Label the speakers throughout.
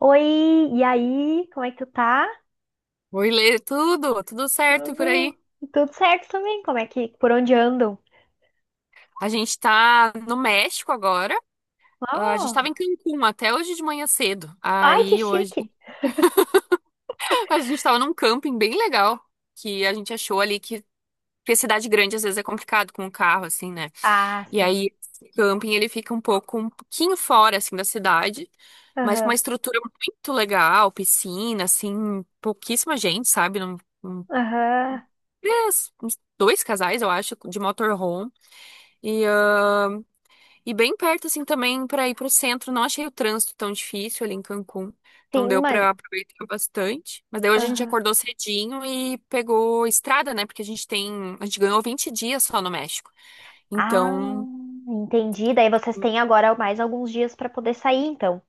Speaker 1: Oi, e aí? Como é que tu tá?
Speaker 2: Oi, Lê, tudo certo por aí?
Speaker 1: Tudo, tudo certo também? Como é que, por onde andam?
Speaker 2: A gente tá no México agora. Ah, a gente tava em
Speaker 1: Oh,
Speaker 2: Cancún até hoje de manhã cedo.
Speaker 1: ai, que
Speaker 2: Aí hoje
Speaker 1: chique!
Speaker 2: a gente tava num camping bem legal que a gente achou ali que porque cidade grande às vezes é complicado com o carro assim, né?
Speaker 1: Ah,
Speaker 2: E
Speaker 1: sim.
Speaker 2: aí esse camping ele fica um pouco um pouquinho fora assim da cidade, mas com uma
Speaker 1: Aham,
Speaker 2: estrutura muito legal, piscina, assim, pouquíssima gente, sabe? Num-
Speaker 1: aham.
Speaker 2: Uns dois casais, eu acho, de motorhome. E ah, E bem perto, assim, também para ir para o centro. Não achei o trânsito tão difícil ali em Cancún. Então
Speaker 1: Sim,
Speaker 2: deu
Speaker 1: mas.
Speaker 2: para aproveitar bastante. Mas daí hoje a gente
Speaker 1: Aham.
Speaker 2: acordou cedinho e pegou estrada, né? Porque a gente tem. A gente ganhou 20 dias só no México.
Speaker 1: Ah,
Speaker 2: Então,
Speaker 1: entendi. Daí vocês têm agora mais alguns dias pra poder sair, então.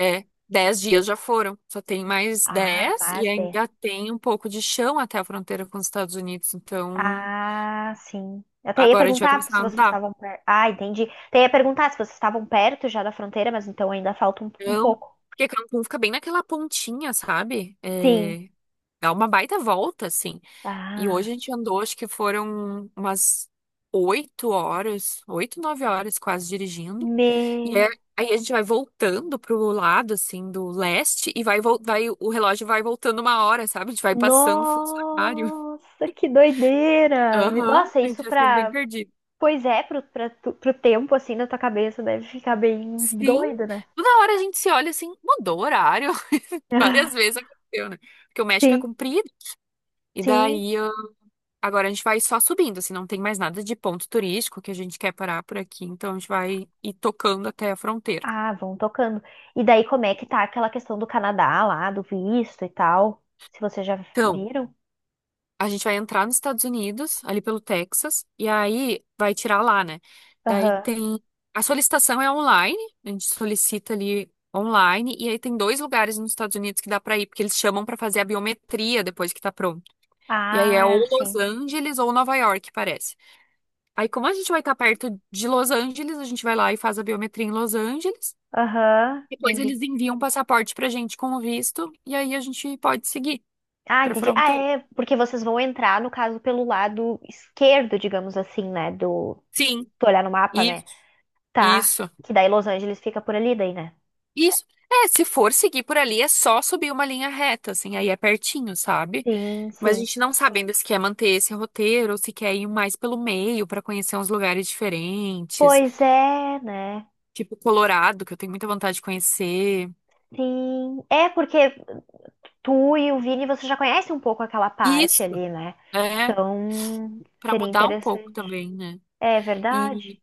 Speaker 2: é. 10 dias já foram. Só tem mais
Speaker 1: Ah,
Speaker 2: 10 e
Speaker 1: mas é.
Speaker 2: ainda tem um pouco de chão até a fronteira com os Estados Unidos. Então,
Speaker 1: Ah, sim. Eu até ia
Speaker 2: agora a gente vai
Speaker 1: perguntar
Speaker 2: começar
Speaker 1: se
Speaker 2: a
Speaker 1: vocês
Speaker 2: andar.
Speaker 1: estavam perto. Ah, entendi. Até ia perguntar se vocês estavam perto já da fronteira, mas então ainda falta um
Speaker 2: Então,
Speaker 1: pouco.
Speaker 2: porque Cancún fica bem naquela pontinha, sabe?
Speaker 1: Sim.
Speaker 2: É, dá uma baita volta, assim. E hoje
Speaker 1: Ah,
Speaker 2: a gente andou, acho que foram umas 8 horas, 8, 9 horas quase dirigindo. E
Speaker 1: meu.
Speaker 2: é- Aí a gente vai voltando pro lado, assim, do leste, e vai, o relógio vai voltando 1 hora, sabe? A gente vai passando funcionário.
Speaker 1: Nossa, que doideira!
Speaker 2: Aham,
Speaker 1: Me- Nossa,
Speaker 2: a gente
Speaker 1: isso
Speaker 2: vai ficando bem
Speaker 1: pra.
Speaker 2: perdido.
Speaker 1: Pois é, pro tempo, assim, da tua cabeça deve ficar bem
Speaker 2: Sim,
Speaker 1: doido, né?
Speaker 2: toda hora a gente se olha assim, mudou o horário. Várias vezes aconteceu, né? Porque o México é
Speaker 1: Sim,
Speaker 2: comprido, e
Speaker 1: sim.
Speaker 2: daí. Agora a gente vai só subindo, assim, não tem mais nada de ponto turístico que a gente quer parar por aqui, então a gente vai ir tocando até a fronteira.
Speaker 1: Ah, vão tocando. E daí, como é que tá aquela questão do Canadá lá, do visto e tal? Se vocês já
Speaker 2: Então,
Speaker 1: viram?
Speaker 2: a gente vai entrar nos Estados Unidos, ali pelo Texas, e aí vai tirar lá, né? Daí
Speaker 1: Aham.
Speaker 2: tem. A solicitação é online, a gente solicita ali online, e aí tem dois lugares nos Estados Unidos que dá pra ir, porque eles chamam pra fazer a biometria depois que tá pronto. E aí é ou
Speaker 1: Ah,
Speaker 2: Los
Speaker 1: sim.
Speaker 2: Angeles ou Nova York, parece. Aí, como a gente vai estar perto de Los Angeles, a gente vai lá e faz a biometria em Los Angeles.
Speaker 1: Aham,
Speaker 2: Depois
Speaker 1: entendi.
Speaker 2: eles enviam o passaporte pra gente com o visto e aí a gente pode seguir
Speaker 1: Ah,
Speaker 2: pra
Speaker 1: entendi. Ah,
Speaker 2: fronteira.
Speaker 1: é, porque vocês vão entrar, no caso, pelo lado esquerdo, digamos assim, né? Do. Se
Speaker 2: Sim,
Speaker 1: tu olhar no mapa, né?
Speaker 2: isso,
Speaker 1: Tá.
Speaker 2: isso,
Speaker 1: Que daí Los Angeles fica por ali, daí, né?
Speaker 2: isso. É, se for seguir por ali, é só subir uma linha reta, assim, aí é pertinho, sabe?
Speaker 1: Sim,
Speaker 2: Mas a
Speaker 1: sim.
Speaker 2: gente não sabe ainda se quer manter esse roteiro ou se quer ir mais pelo meio pra conhecer uns lugares diferentes,
Speaker 1: Pois é, né?
Speaker 2: tipo Colorado, que eu tenho muita vontade de conhecer.
Speaker 1: Sim. É porque tu e o Vini, você já conhece um pouco aquela parte
Speaker 2: Isso,
Speaker 1: ali, né?
Speaker 2: é,
Speaker 1: Então,
Speaker 2: pra
Speaker 1: seria
Speaker 2: mudar um pouco
Speaker 1: interessante.
Speaker 2: também, né?
Speaker 1: É verdade?
Speaker 2: E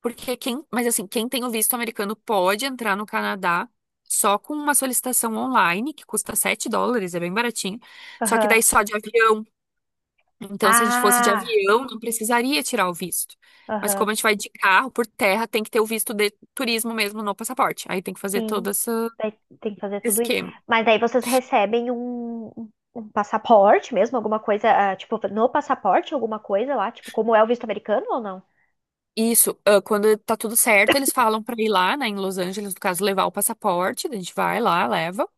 Speaker 2: porque quem, mas assim, quem tem o visto americano pode entrar no Canadá só com uma solicitação online, que custa US$ 7, é bem baratinho. Só que
Speaker 1: Aham.
Speaker 2: daí só de avião. Então, se a gente fosse de
Speaker 1: Ah,
Speaker 2: avião, não precisaria tirar o visto. Mas
Speaker 1: aham.
Speaker 2: como a gente vai de carro por terra, tem que ter o visto de turismo mesmo no passaporte. Aí tem que fazer
Speaker 1: Sim.
Speaker 2: todo esse
Speaker 1: Daí tem que fazer tudo isso.
Speaker 2: esquema.
Speaker 1: Mas daí vocês recebem um passaporte mesmo, alguma coisa, ah, tipo, no passaporte, alguma coisa lá, tipo, como é o visto americano ou não?
Speaker 2: Isso, ah, quando tá tudo certo, eles falam pra ir lá, né, em Los Angeles, no caso, levar o passaporte, a gente vai lá, leva.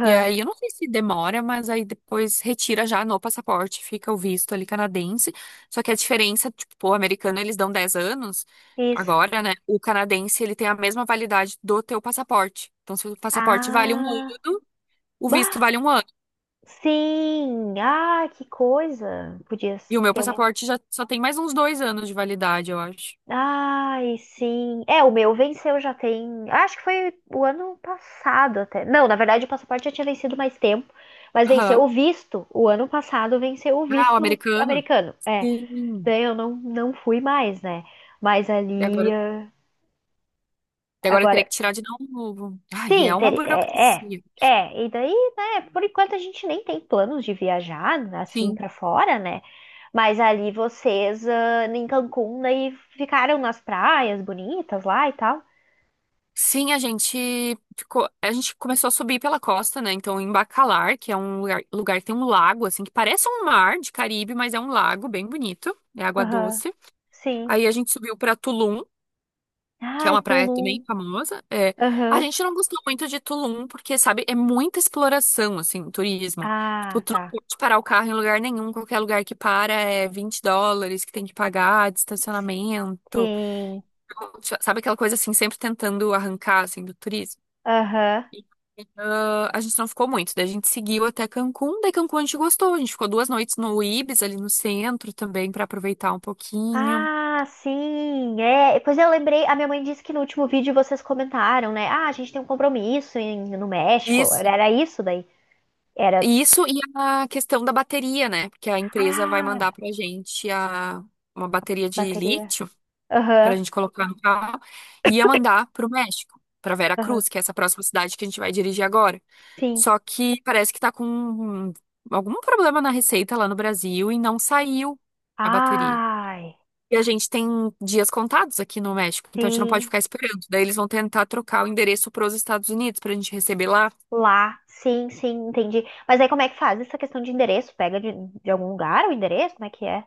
Speaker 2: E aí, eu não sei se demora, mas aí depois retira já no passaporte, fica o visto ali canadense. Só que a diferença, tipo, o americano eles dão 10 anos
Speaker 1: Isso.
Speaker 2: agora, né? O canadense ele tem a mesma validade do teu passaporte. Então, se o passaporte vale um
Speaker 1: Ah.
Speaker 2: ano, o visto
Speaker 1: Bah,
Speaker 2: vale 1 ano.
Speaker 1: sim! Ah, que coisa! Podia
Speaker 2: E o meu
Speaker 1: ter uma.
Speaker 2: passaporte já só tem mais uns 2 anos de validade, eu acho.
Speaker 1: Ai, sim. É, o meu venceu já tem. Acho que foi o ano passado até. Não, na verdade o passaporte já tinha vencido mais tempo, mas venceu
Speaker 2: Aham.
Speaker 1: o visto. O ano passado venceu o
Speaker 2: Ah, o
Speaker 1: visto
Speaker 2: americano?
Speaker 1: americano. É,
Speaker 2: Sim.
Speaker 1: daí eu não fui mais, né? Mas
Speaker 2: E
Speaker 1: ali.
Speaker 2: agora, e agora eu teria que
Speaker 1: Agora.
Speaker 2: tirar de novo. Ai,
Speaker 1: Sim,
Speaker 2: é uma
Speaker 1: ter... é, é.
Speaker 2: burocracia.
Speaker 1: É, e daí, né, por enquanto a gente nem tem planos de viajar assim
Speaker 2: Sim.
Speaker 1: pra fora, né? Mas ali vocês, ah, em Cancún, daí ficaram nas praias bonitas lá e tal.
Speaker 2: Sim, a gente ficou, a gente começou a subir pela costa, né? Então, em Bacalar, que é um lugar, lugar que tem um lago, assim, que parece um mar de Caribe, mas é um lago bem bonito, é água
Speaker 1: Aham,
Speaker 2: doce.
Speaker 1: sim.
Speaker 2: Aí a gente subiu pra Tulum, que é
Speaker 1: Ai,
Speaker 2: uma praia também
Speaker 1: Tulum.
Speaker 2: famosa. É, a
Speaker 1: Aham,
Speaker 2: gente não gostou muito de Tulum, porque, sabe, é muita exploração, assim, turismo. Tipo,
Speaker 1: Ah,
Speaker 2: tu não
Speaker 1: tá.
Speaker 2: pode parar o carro em lugar nenhum, qualquer lugar que para é US$ 20 que tem que pagar de estacionamento. Então,
Speaker 1: Sim.
Speaker 2: sabe aquela coisa assim, sempre tentando arrancar, assim, do turismo?
Speaker 1: Aham.
Speaker 2: E, ah, a gente não ficou muito, daí a gente seguiu até Cancún, daí Cancún a gente gostou, a gente ficou 2 noites no Ibis, ali no centro também, para aproveitar um pouquinho.
Speaker 1: Ah, sim. É, pois eu lembrei, a minha mãe disse que no último vídeo vocês comentaram, né? Ah, a gente tem um compromisso em- no México.
Speaker 2: Isso.
Speaker 1: Era, era isso daí? Era.
Speaker 2: Isso e a questão da bateria, né? Porque a empresa vai mandar
Speaker 1: Ah,
Speaker 2: pra gente a, uma bateria de
Speaker 1: bateria.
Speaker 2: lítio pra
Speaker 1: Aham,
Speaker 2: gente colocar no carro e ia mandar pro México, pra
Speaker 1: aham.
Speaker 2: Veracruz, que é essa próxima cidade que a gente vai dirigir agora.
Speaker 1: Sim.
Speaker 2: Só que parece que tá com algum problema na receita lá no Brasil e não saiu a bateria.
Speaker 1: Ai,
Speaker 2: E a gente tem dias contados aqui no México, então a gente não pode
Speaker 1: sim.
Speaker 2: ficar esperando. Daí eles vão tentar trocar o endereço para os Estados Unidos para a gente receber lá.
Speaker 1: Lá, sim, sim, entendi. Mas aí como é que faz essa questão de endereço? Pega de algum lugar o endereço? Como é que é?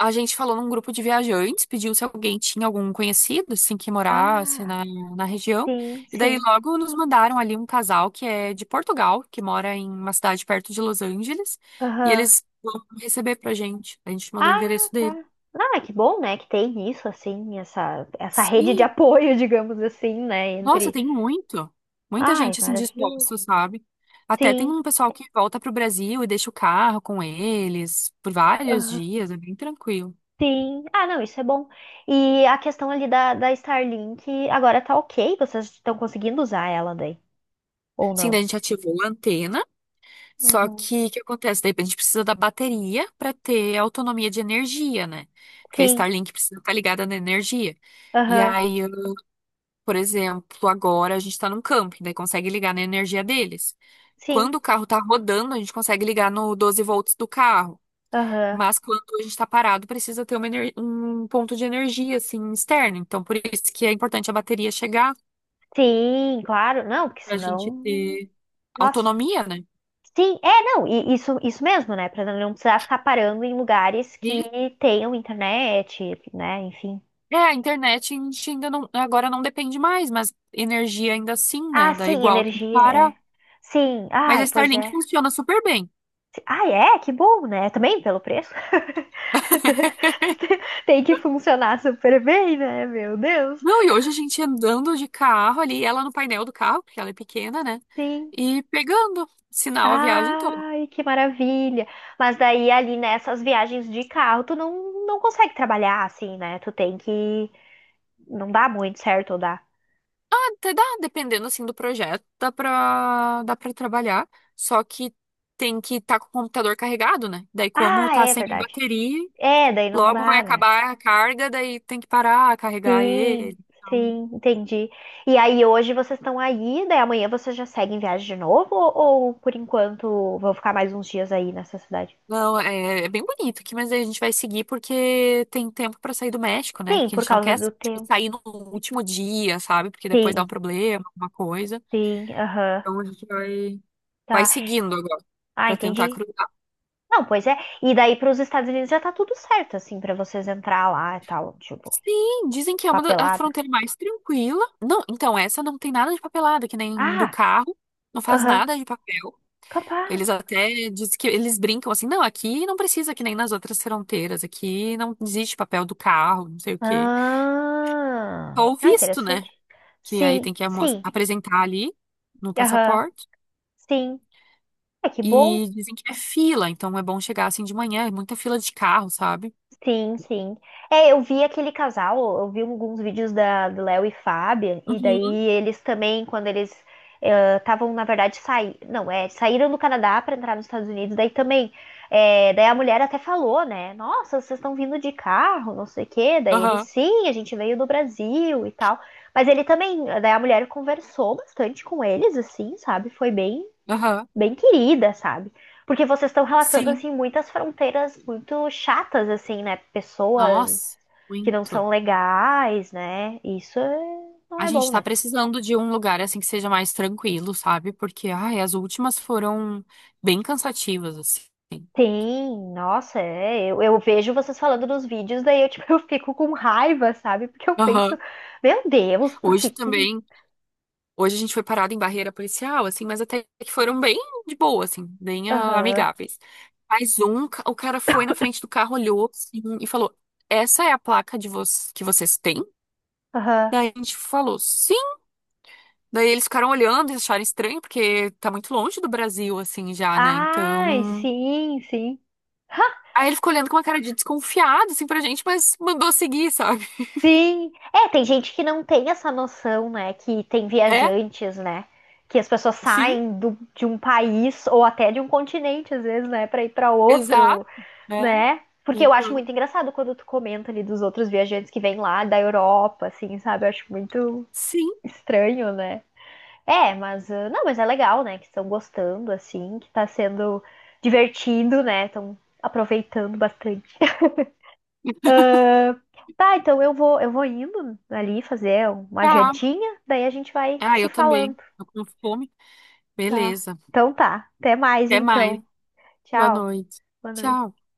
Speaker 2: A gente falou num grupo de viajantes, pediu se alguém tinha algum conhecido, assim, que morasse
Speaker 1: Ah,
Speaker 2: na, na região.
Speaker 1: sim,
Speaker 2: E daí
Speaker 1: sim.
Speaker 2: logo nos mandaram ali um casal que é de Portugal, que mora em uma cidade perto de Los Angeles, e
Speaker 1: Aham.
Speaker 2: eles vão receber pra gente. A gente mandou o
Speaker 1: Ah,
Speaker 2: endereço
Speaker 1: tá.
Speaker 2: dele.
Speaker 1: Não, é que bom, né, que tem isso, assim, essa rede de
Speaker 2: Sim,
Speaker 1: apoio, digamos assim, né,
Speaker 2: nossa,
Speaker 1: entre...
Speaker 2: tem muito. Muita
Speaker 1: Ai,
Speaker 2: gente assim
Speaker 1: maravilhoso.
Speaker 2: disposta, sabe? Até tem
Speaker 1: Sim,
Speaker 2: um pessoal que volta pro Brasil e deixa o carro com eles por vários
Speaker 1: aham,
Speaker 2: dias, é bem tranquilo.
Speaker 1: sim. Ah, não, isso é bom. E a questão ali da Starlink, agora tá ok? Vocês estão conseguindo usar ela daí? Ou
Speaker 2: Sim, daí
Speaker 1: não?
Speaker 2: a gente ativou a antena, só
Speaker 1: Uhum.
Speaker 2: que o que acontece? Daí a gente precisa da bateria para ter autonomia de energia, né? Porque a
Speaker 1: Sim,
Speaker 2: Starlink precisa estar ligada na energia. E
Speaker 1: aham,
Speaker 2: aí, eu, por exemplo, agora a gente está num camping, daí consegue ligar na energia deles.
Speaker 1: sim,
Speaker 2: Quando o carro tá rodando, a gente consegue ligar no 12 V do carro.
Speaker 1: aham.
Speaker 2: Mas quando a gente está parado, precisa ter um ponto de energia assim externo. Então, por isso que é importante a bateria chegar
Speaker 1: Sim, claro, não, porque
Speaker 2: para a gente
Speaker 1: senão.
Speaker 2: ter
Speaker 1: Nossa.
Speaker 2: autonomia, né?
Speaker 1: Sim, é, não, e isso mesmo, né? Pra não precisar ficar parando em lugares que
Speaker 2: E
Speaker 1: tenham internet, né? Enfim.
Speaker 2: É, a internet a gente ainda não, agora não depende mais, mas energia ainda assim, né?
Speaker 1: Ah,
Speaker 2: Dá
Speaker 1: sim,
Speaker 2: igual tem que
Speaker 1: energia,
Speaker 2: parar.
Speaker 1: é. Sim,
Speaker 2: Mas
Speaker 1: ai,
Speaker 2: a
Speaker 1: pois
Speaker 2: Starlink
Speaker 1: é.
Speaker 2: funciona super bem.
Speaker 1: Ai, é, que bom, né? Também pelo preço. Tem que funcionar super bem, né? Meu Deus.
Speaker 2: Não, e hoje a gente andando de carro ali, ela no painel do carro, porque ela é pequena, né?
Speaker 1: Sim.
Speaker 2: E pegando sinal a viagem toda.
Speaker 1: Ai, que maravilha! Mas daí ali nessas viagens de carro, tu não consegue trabalhar assim, né? Tu tem que. Não dá muito certo, ou dá?
Speaker 2: Até dá, dependendo assim do projeto, dá pra trabalhar, só que tem que estar com o computador carregado, né? Daí, como
Speaker 1: Ah,
Speaker 2: tá
Speaker 1: é
Speaker 2: sem
Speaker 1: verdade.
Speaker 2: bateria,
Speaker 1: É, daí não
Speaker 2: logo vai
Speaker 1: dá, né?
Speaker 2: acabar a carga, daí tem que parar, carregar
Speaker 1: Sim,
Speaker 2: ele. Então,
Speaker 1: sim, entendi. E aí hoje vocês estão aí, daí amanhã vocês já seguem viagem de novo? Ou por enquanto vão ficar mais uns dias aí nessa cidade?
Speaker 2: não, é, é bem bonito aqui, mas aí a gente vai seguir porque tem tempo pra sair do México, né?
Speaker 1: Sim,
Speaker 2: Porque a
Speaker 1: por
Speaker 2: gente não
Speaker 1: causa
Speaker 2: quer assim,
Speaker 1: do
Speaker 2: tipo,
Speaker 1: tempo.
Speaker 2: sair no último dia, sabe? Porque depois dá
Speaker 1: Sim,
Speaker 2: um problema, alguma coisa.
Speaker 1: sim, aham,
Speaker 2: Então a gente vai, vai
Speaker 1: tá.
Speaker 2: seguindo agora
Speaker 1: Ah,
Speaker 2: pra tentar
Speaker 1: entendi.
Speaker 2: cruzar.
Speaker 1: Não, pois é. E daí para os Estados Unidos já tá tudo certo, assim, para vocês entrar lá e tal, tipo,
Speaker 2: Sim, dizem que é uma da, a
Speaker 1: papelada.
Speaker 2: fronteira mais tranquila. Não, então essa não tem nada de papelada, que nem do
Speaker 1: Ah,
Speaker 2: carro, não faz
Speaker 1: aham,
Speaker 2: nada de papel. Eles
Speaker 1: capaz.
Speaker 2: até dizem que eles brincam assim, não, aqui não precisa que nem nas outras fronteiras, aqui não existe papel do carro, não sei o quê.
Speaker 1: Ah,
Speaker 2: Ou
Speaker 1: ah,
Speaker 2: visto, né?
Speaker 1: interessante.
Speaker 2: Que aí tem
Speaker 1: Sim,
Speaker 2: que
Speaker 1: sim,
Speaker 2: apresentar ali no
Speaker 1: aham,
Speaker 2: passaporte.
Speaker 1: sim. É que bom.
Speaker 2: E dizem que é fila, então é bom chegar assim de manhã, é muita fila de carro, sabe?
Speaker 1: Sim, sim. É, eu, vi aquele casal, eu vi alguns vídeos da, do Léo e Fábio, e
Speaker 2: Uhum.
Speaker 1: daí eles também, quando eles estavam, na verdade, saí, não, é, saíram do Canadá para entrar nos Estados Unidos, daí também, é, daí a mulher até falou, né? Nossa, vocês estão vindo de carro, não sei o quê. Daí ele,
Speaker 2: Aham,
Speaker 1: sim, a gente veio do Brasil e tal. Mas ele também, daí a mulher conversou bastante com eles, assim, sabe? Foi bem
Speaker 2: aham.
Speaker 1: bem querida, sabe? Porque vocês estão relatando,
Speaker 2: Sim.
Speaker 1: assim, muitas fronteiras muito chatas, assim, né? Pessoas
Speaker 2: Nossa,
Speaker 1: que não são
Speaker 2: muito.
Speaker 1: legais, né? Isso é- não
Speaker 2: A
Speaker 1: é bom,
Speaker 2: gente tá
Speaker 1: né?
Speaker 2: precisando de um lugar assim que seja mais tranquilo, sabe? Porque, ai, as últimas foram bem cansativas, assim.
Speaker 1: Tem, nossa, é, eu vejo vocês falando nos vídeos, daí eu, tipo, eu fico com raiva, sabe? Porque eu penso,
Speaker 2: Aham.
Speaker 1: meu Deus, por que
Speaker 2: Hoje
Speaker 1: que...
Speaker 2: também, hoje a gente foi parado em barreira policial, assim, mas até que foram bem de boa, assim, bem ah,
Speaker 1: Aham,
Speaker 2: amigáveis. Mas um, o cara foi na frente do carro, olhou assim, e falou: Essa é a placa de vo que vocês têm?
Speaker 1: aham.
Speaker 2: Daí a gente falou, sim. Daí eles ficaram olhando e acharam estranho, porque tá muito longe do Brasil, assim, já, né?
Speaker 1: Ai,
Speaker 2: Então.
Speaker 1: sim, sim.
Speaker 2: Aí ele ficou olhando com uma cara de desconfiado, assim, pra gente, mas mandou seguir, sabe?
Speaker 1: Sim, é, tem gente que não tem essa noção, né? Que tem
Speaker 2: É,
Speaker 1: viajantes, né? Que as pessoas
Speaker 2: sim,
Speaker 1: saem do- de um país ou até de um continente, às vezes, né? Pra ir pra
Speaker 2: exato,
Speaker 1: outro,
Speaker 2: né?
Speaker 1: né? Porque eu acho muito
Speaker 2: Então,
Speaker 1: engraçado quando tu comenta ali dos outros viajantes que vêm lá da Europa, assim, sabe? Eu acho muito
Speaker 2: sim,
Speaker 1: estranho, né? É, mas ah, não, mas é legal, né? Que estão gostando, assim, que tá sendo divertido, né? Estão aproveitando bastante. Ah, tá, então eu vou indo ali fazer uma
Speaker 2: tá.
Speaker 1: jantinha, daí a gente vai
Speaker 2: Ah,
Speaker 1: se
Speaker 2: eu também.
Speaker 1: falando,
Speaker 2: Tô com fome.
Speaker 1: tá?
Speaker 2: Beleza.
Speaker 1: Então tá, até mais
Speaker 2: Até mais.
Speaker 1: então.
Speaker 2: Boa
Speaker 1: Tchau,
Speaker 2: noite.
Speaker 1: boa noite.
Speaker 2: Tchau.